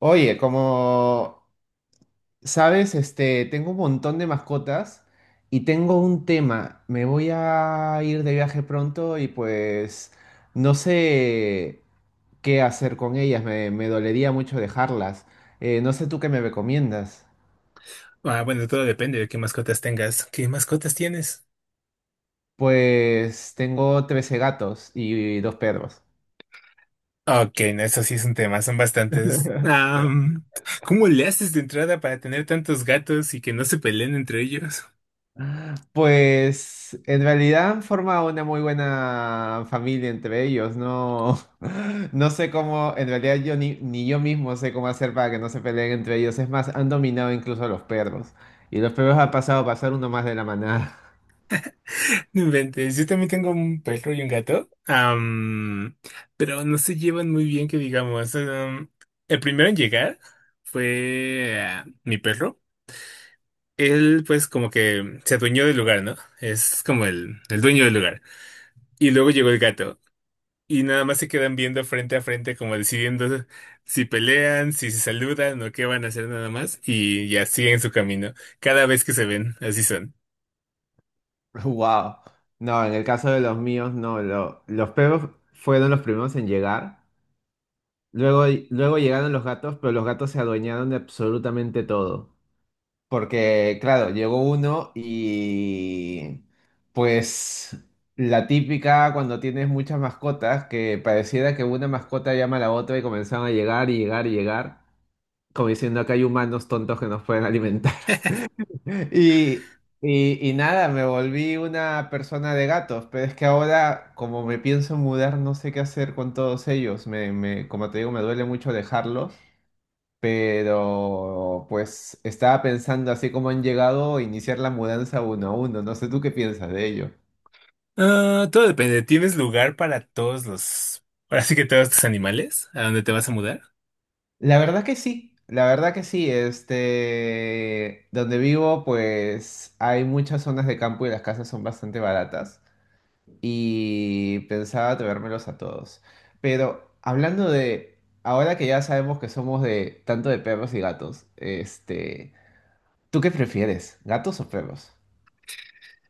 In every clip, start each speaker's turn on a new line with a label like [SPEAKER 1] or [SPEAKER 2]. [SPEAKER 1] Oye, como sabes, tengo un montón de mascotas y tengo un tema. Me voy a ir de viaje pronto y pues no sé qué hacer con ellas. Me dolería mucho dejarlas. No sé tú qué me recomiendas.
[SPEAKER 2] Ah, bueno, todo depende de qué mascotas tengas. ¿Qué mascotas tienes?
[SPEAKER 1] Pues tengo 13 gatos y dos perros.
[SPEAKER 2] Ok, no, eso sí es un tema, son bastantes. ¿Cómo le haces de entrada para tener tantos gatos y que no se peleen entre ellos?
[SPEAKER 1] Pues en realidad han formado una muy buena familia entre ellos. No, no sé cómo, en realidad yo ni yo mismo sé cómo hacer para que no se peleen entre ellos. Es más, han dominado incluso a los perros. Y los perros han pasado a ser uno más de la manada.
[SPEAKER 2] No inventes, yo también tengo un perro y un gato, pero no se llevan muy bien, que digamos. El primero en llegar fue mi perro. Él, pues, como que se adueñó del lugar, ¿no? Es como el dueño del lugar. Y luego llegó el gato. Y nada más se quedan viendo frente a frente, como decidiendo si pelean, si se saludan o qué van a hacer nada más. Y ya siguen su camino. Cada vez que se ven, así son.
[SPEAKER 1] Wow. No, en el caso de los míos, no. Los perros fueron los primeros en llegar. Luego, luego llegaron los gatos, pero los gatos se adueñaron de absolutamente todo. Porque, claro, llegó uno y pues la típica cuando tienes muchas mascotas, que pareciera que una mascota llama a la otra y comenzaron a llegar y llegar y llegar, como diciendo que hay humanos tontos que nos pueden alimentar. Y nada, me volví una persona de gatos, pero es que ahora como me pienso mudar, no sé qué hacer con todos ellos. Como te digo, me duele mucho dejarlos. Pero pues estaba pensando así como han llegado a iniciar la mudanza uno a uno. No sé tú qué piensas de ello.
[SPEAKER 2] Ah, todo depende. ¿Tienes lugar para todos los... ahora sí que todos tus animales? ¿A dónde te vas a mudar?
[SPEAKER 1] La verdad que sí, la verdad que sí. Donde vivo, pues hay muchas zonas de campo y las casas son bastante baratas. Y pensaba traérmelos a todos. Pero hablando de, ahora que ya sabemos que somos de tanto de perros y gatos, ¿tú qué prefieres, gatos o perros?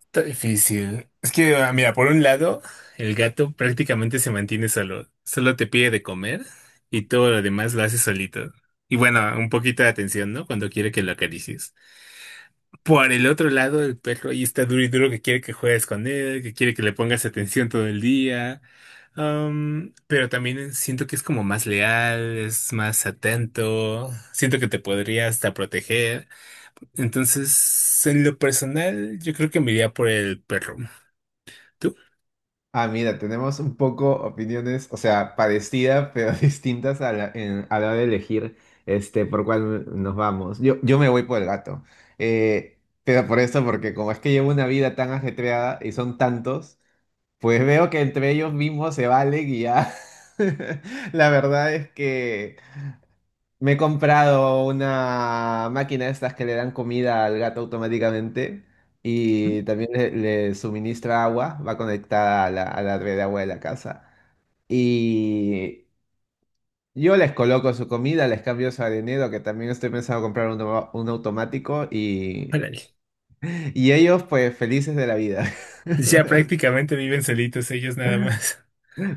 [SPEAKER 2] Está difícil. Es que, mira, por un lado, el gato prácticamente se mantiene solo. Solo te pide de comer y todo lo demás lo hace solito. Y bueno, un poquito de atención, ¿no? Cuando quiere que lo acaricies. Por el otro lado, el perro ahí está duro y duro que quiere que juegues con él, que quiere que le pongas atención todo el día. Pero también siento que es como más leal, es más atento, siento que te podría hasta proteger. Entonces, en lo personal, yo creo que me iría por el perro. ¿Tú?
[SPEAKER 1] Ah, mira, tenemos un poco opiniones, o sea, parecidas, pero distintas a la hora de elegir por cuál nos vamos. Yo me voy por el gato. Eh, pero por eso, porque como es que llevo una vida tan ajetreada y son tantos, pues veo que entre ellos mismos se valen y ya. La verdad es que me he comprado una máquina de estas que le dan comida al gato automáticamente y también le suministra agua, va conectada a la red de agua de la casa. Y yo les coloco su comida, les cambio su arenero, que también estoy pensando comprar un automático y,
[SPEAKER 2] Órale.
[SPEAKER 1] y ellos pues felices de la vida.
[SPEAKER 2] Ya prácticamente viven solitos ellos nada más.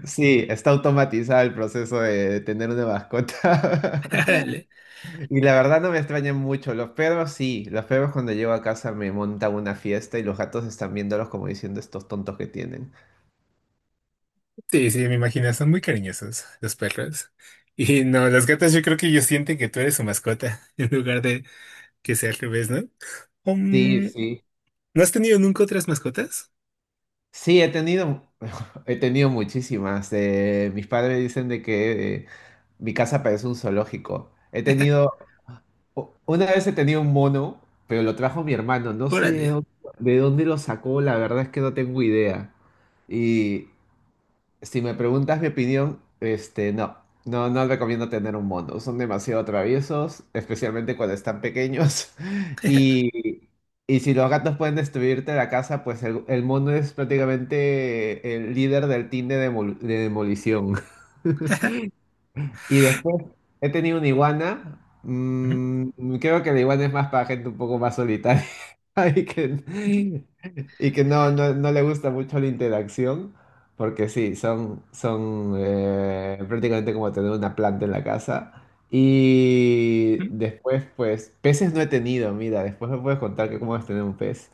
[SPEAKER 1] Sí, está automatizado el proceso de tener una mascota.
[SPEAKER 2] Órale.
[SPEAKER 1] Y la verdad no me extrañan mucho. Los perros sí. Los perros cuando llego a casa me montan una fiesta y los gatos están viéndolos como diciendo estos tontos que tienen.
[SPEAKER 2] Sí, sí, me imagino, son muy cariñosos los perros. Y no, los gatos yo creo que ellos sienten que tú eres su mascota en lugar de que sea al revés, ¿no?
[SPEAKER 1] Sí,
[SPEAKER 2] Um,
[SPEAKER 1] sí.
[SPEAKER 2] ¿No has tenido nunca otras mascotas?
[SPEAKER 1] Sí, he tenido, he tenido muchísimas. Mis padres dicen de que mi casa parece un zoológico. He tenido, u- una vez he tenido un mono, pero lo trajo mi hermano. No sé
[SPEAKER 2] Órale.
[SPEAKER 1] de dónde, lo sacó, la verdad es que no tengo idea. Y si me preguntas mi opinión, no, no, no recomiendo tener un mono. Son demasiado traviesos, especialmente cuando están pequeños. Y, y si los gatos pueden destruirte la casa, pues el mono es prácticamente el líder del team de demolición. Y después he tenido una iguana.
[SPEAKER 2] Ujú,
[SPEAKER 1] Creo que la iguana es más para gente un poco más solitaria. Y que, y que no, no, no le gusta mucho la interacción, porque sí, son, son prácticamente como tener una planta en la casa. Y
[SPEAKER 2] ujú.
[SPEAKER 1] después, pues, peces no he tenido, mira, después me puedes contar que cómo es tener un pez.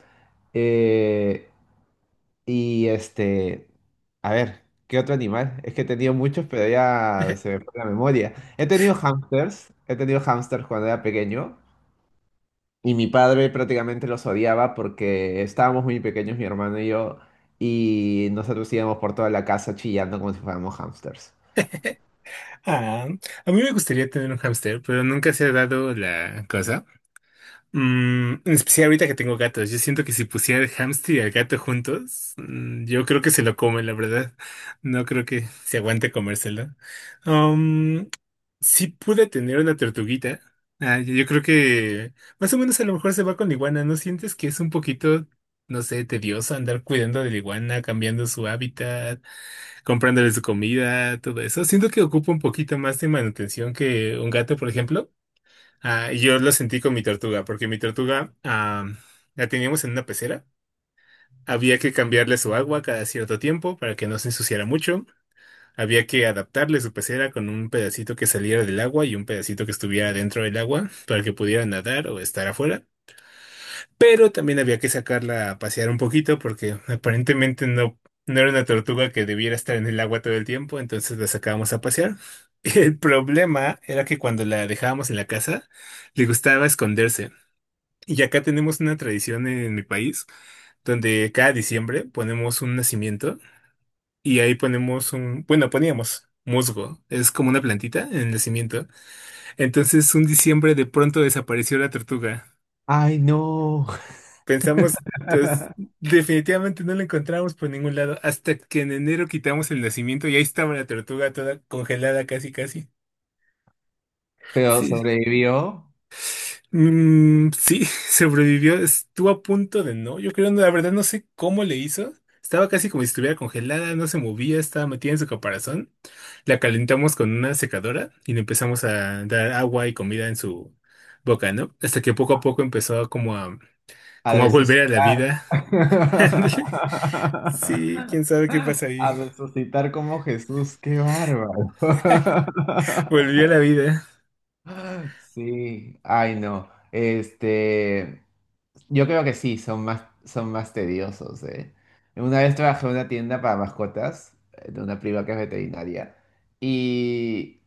[SPEAKER 1] Eh, y a ver, ¿qué otro animal? Es que he tenido muchos, pero ya se me fue la memoria. He tenido hamsters cuando era pequeño. Y mi padre prácticamente los odiaba porque estábamos muy pequeños, mi hermano y yo, y nosotros íbamos por toda la casa chillando como si fuéramos hámsters.
[SPEAKER 2] Ah, a mí me gustaría tener un hámster, pero nunca se ha dado la cosa. Mm, en especial ahorita que tengo gatos, yo siento que si pusiera el hámster y el gato juntos, mm, yo creo que se lo come, la verdad. No creo que se aguante comérselo. Um, sí pude tener una tortuguita. Ah, yo creo que más o menos a lo mejor se va con la iguana. ¿No sientes que es un poquito, no sé, tedioso andar cuidando de la iguana, cambiando su hábitat, comprándole su comida, todo eso? Siento que ocupa un poquito más de manutención que un gato, por ejemplo. Ah, y yo lo sentí con mi tortuga, porque mi tortuga la teníamos en una pecera. Había que cambiarle su agua cada cierto tiempo para que no se ensuciara mucho. Había que adaptarle su pecera con un pedacito que saliera del agua y un pedacito que estuviera dentro del agua para que pudiera nadar o estar afuera. Pero también había que sacarla a pasear un poquito porque aparentemente no era una tortuga que debiera estar en el agua todo el tiempo, entonces la sacábamos a pasear. El problema era que cuando la dejábamos en la casa, le gustaba esconderse. Y acá tenemos una tradición en mi país donde cada diciembre ponemos un nacimiento y ahí ponemos un, bueno, poníamos musgo, es como una plantita en el nacimiento. Entonces un diciembre de pronto desapareció la tortuga.
[SPEAKER 1] ¡Ay, no!
[SPEAKER 2] Pensamos, pues, definitivamente no la encontramos por ningún lado hasta que en enero quitamos el nacimiento y ahí estaba la tortuga toda congelada casi casi.
[SPEAKER 1] Pero
[SPEAKER 2] Sí,
[SPEAKER 1] sobrevivió
[SPEAKER 2] mm, sí, sobrevivió. Estuvo a punto de no. Yo creo, la verdad, no sé cómo le hizo. Estaba casi como si estuviera congelada, no se movía, estaba metida en su caparazón. La calentamos con una secadora y le empezamos a dar agua y comida en su boca, ¿no? Hasta que poco a poco empezó a
[SPEAKER 1] a
[SPEAKER 2] como a volver a la
[SPEAKER 1] resucitar.
[SPEAKER 2] vida. Ándale. Sí, quién sabe qué pasa ahí.
[SPEAKER 1] A resucitar como Jesús, qué bárbaro.
[SPEAKER 2] Volvió a la vida.
[SPEAKER 1] Sí, ay no. Yo creo que sí, son más tediosos, ¿eh? Una vez trabajé en una tienda para mascotas, de una prima que es veterinaria, y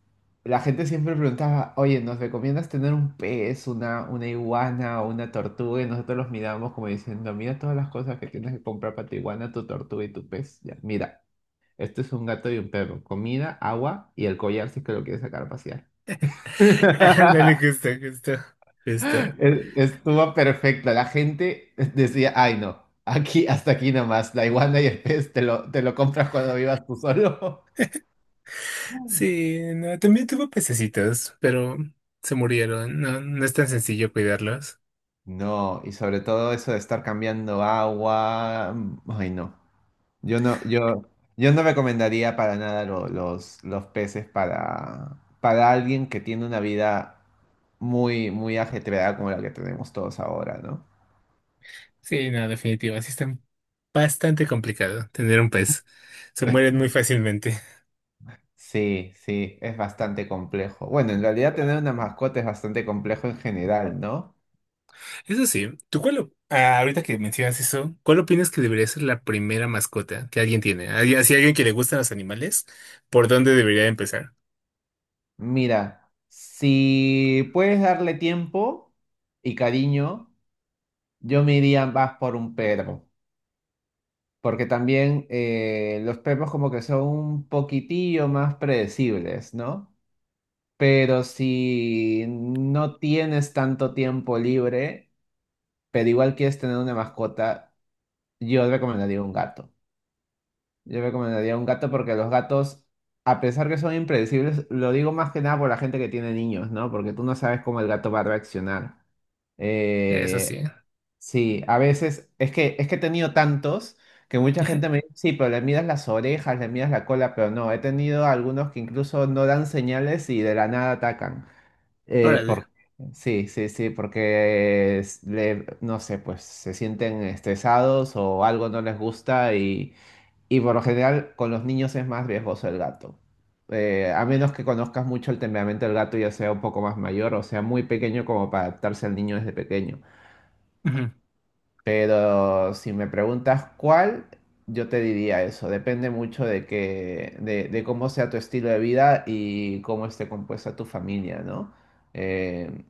[SPEAKER 1] la gente siempre preguntaba, oye, ¿nos recomiendas tener un pez, una iguana o una tortuga? Y nosotros los mirábamos como diciendo, mira todas las cosas que tienes que comprar para tu iguana, tu tortuga y tu pez. Ya, mira, esto es un gato y un perro, comida, agua y el collar si es que lo quieres sacar a pasear.
[SPEAKER 2] Ándale, justo, justo, justo.
[SPEAKER 1] Estuvo perfecto. La gente decía, ay no, aquí hasta aquí nomás, la iguana y el pez te lo compras cuando vivas tú solo.
[SPEAKER 2] Sí, no, también tuvo pececitos, pero se murieron. No, no es tan sencillo cuidarlos.
[SPEAKER 1] No, y sobre todo eso de estar cambiando agua. Ay no. Yo no, yo no recomendaría para nada los peces para alguien que tiene una vida muy, muy ajetreada como la que tenemos todos ahora, ¿no?
[SPEAKER 2] Sí, no, definitivo. Sí, está bastante complicado tener un pez. Se mueren muy fácilmente.
[SPEAKER 1] Sí, sí, es bastante complejo. Bueno, en realidad tener una mascota es bastante complejo en general, ¿no?
[SPEAKER 2] Eso sí, ¿tú cuál, ah, ahorita que mencionas eso, cuál opinas que debería ser la primera mascota que alguien tiene? Si alguien que le gustan los animales, ¿por dónde debería empezar?
[SPEAKER 1] Mira, si puedes darle tiempo y cariño, yo me iría más por un perro, porque también los perros como que son un poquitillo más predecibles, ¿no? Pero si no tienes tanto tiempo libre, pero igual quieres tener una mascota, yo recomendaría un gato. Yo recomendaría un gato porque los gatos, a pesar que son impredecibles, lo digo más que nada por la gente que tiene niños, ¿no? Porque tú no sabes cómo el gato va a reaccionar.
[SPEAKER 2] Eso
[SPEAKER 1] Eh,
[SPEAKER 2] sí.
[SPEAKER 1] sí, a veces es que he tenido tantos que mucha gente me dice, sí, pero le miras las orejas, le miras la cola, pero no, he tenido algunos que incluso no dan señales y de la nada atacan. Eh,
[SPEAKER 2] Órale.
[SPEAKER 1] por- sí, sí, sí, porque no sé, pues se sienten estresados o algo no les gusta y por lo general, con los niños es más riesgoso el gato. A menos que conozcas mucho el temperamento del gato, ya sea un poco más mayor o sea muy pequeño como para adaptarse al niño desde pequeño.
[SPEAKER 2] Ujú,
[SPEAKER 1] Pero si me preguntas cuál, yo te diría eso. Depende mucho de cómo sea tu estilo de vida y cómo esté compuesta tu familia, ¿no? Eh,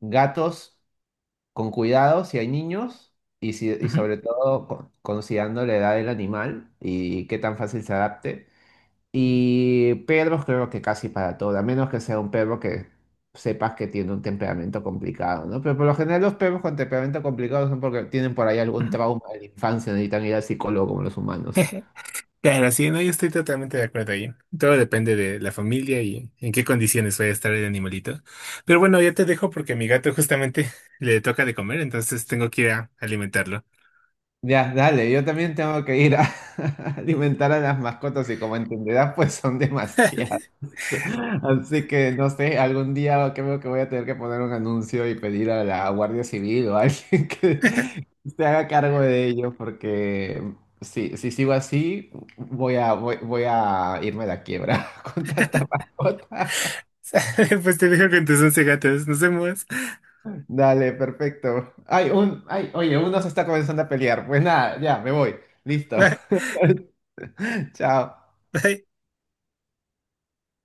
[SPEAKER 1] Gatos con cuidado si hay niños y, si- y
[SPEAKER 2] ujú,
[SPEAKER 1] sobre todo considerando la edad del animal y qué tan fácil se adapte. Y perros creo que casi para todo, a menos que sea un perro que sepas que tiene un temperamento complicado, ¿no? Pero por lo general los perros con temperamento complicado son porque tienen por ahí algún
[SPEAKER 2] ujú.
[SPEAKER 1] trauma de la infancia, necesitan ir al psicólogo como los humanos.
[SPEAKER 2] Claro, sí, no, yo estoy totalmente de acuerdo ahí. Todo depende de la familia y en qué condiciones vaya a estar el animalito. Pero bueno, ya te dejo porque a mi gato justamente le toca de comer, entonces tengo que ir a alimentarlo.
[SPEAKER 1] Ya, dale, yo también tengo que ir a alimentar a las mascotas y como entenderás, pues son demasiadas. Así que no sé, algún día creo que voy a tener que poner un anuncio y pedir a la Guardia Civil o a alguien que se haga cargo de ello, porque si sigo así, voy a irme a la quiebra con tanta mascota.
[SPEAKER 2] Pues te dejo con tus 11 gatos. Nos vemos.
[SPEAKER 1] Dale, perfecto. Ay, ay, oye, uno se está comenzando a pelear. Pues nada, ya, me voy. Listo.
[SPEAKER 2] Bye,
[SPEAKER 1] Chao.
[SPEAKER 2] bye.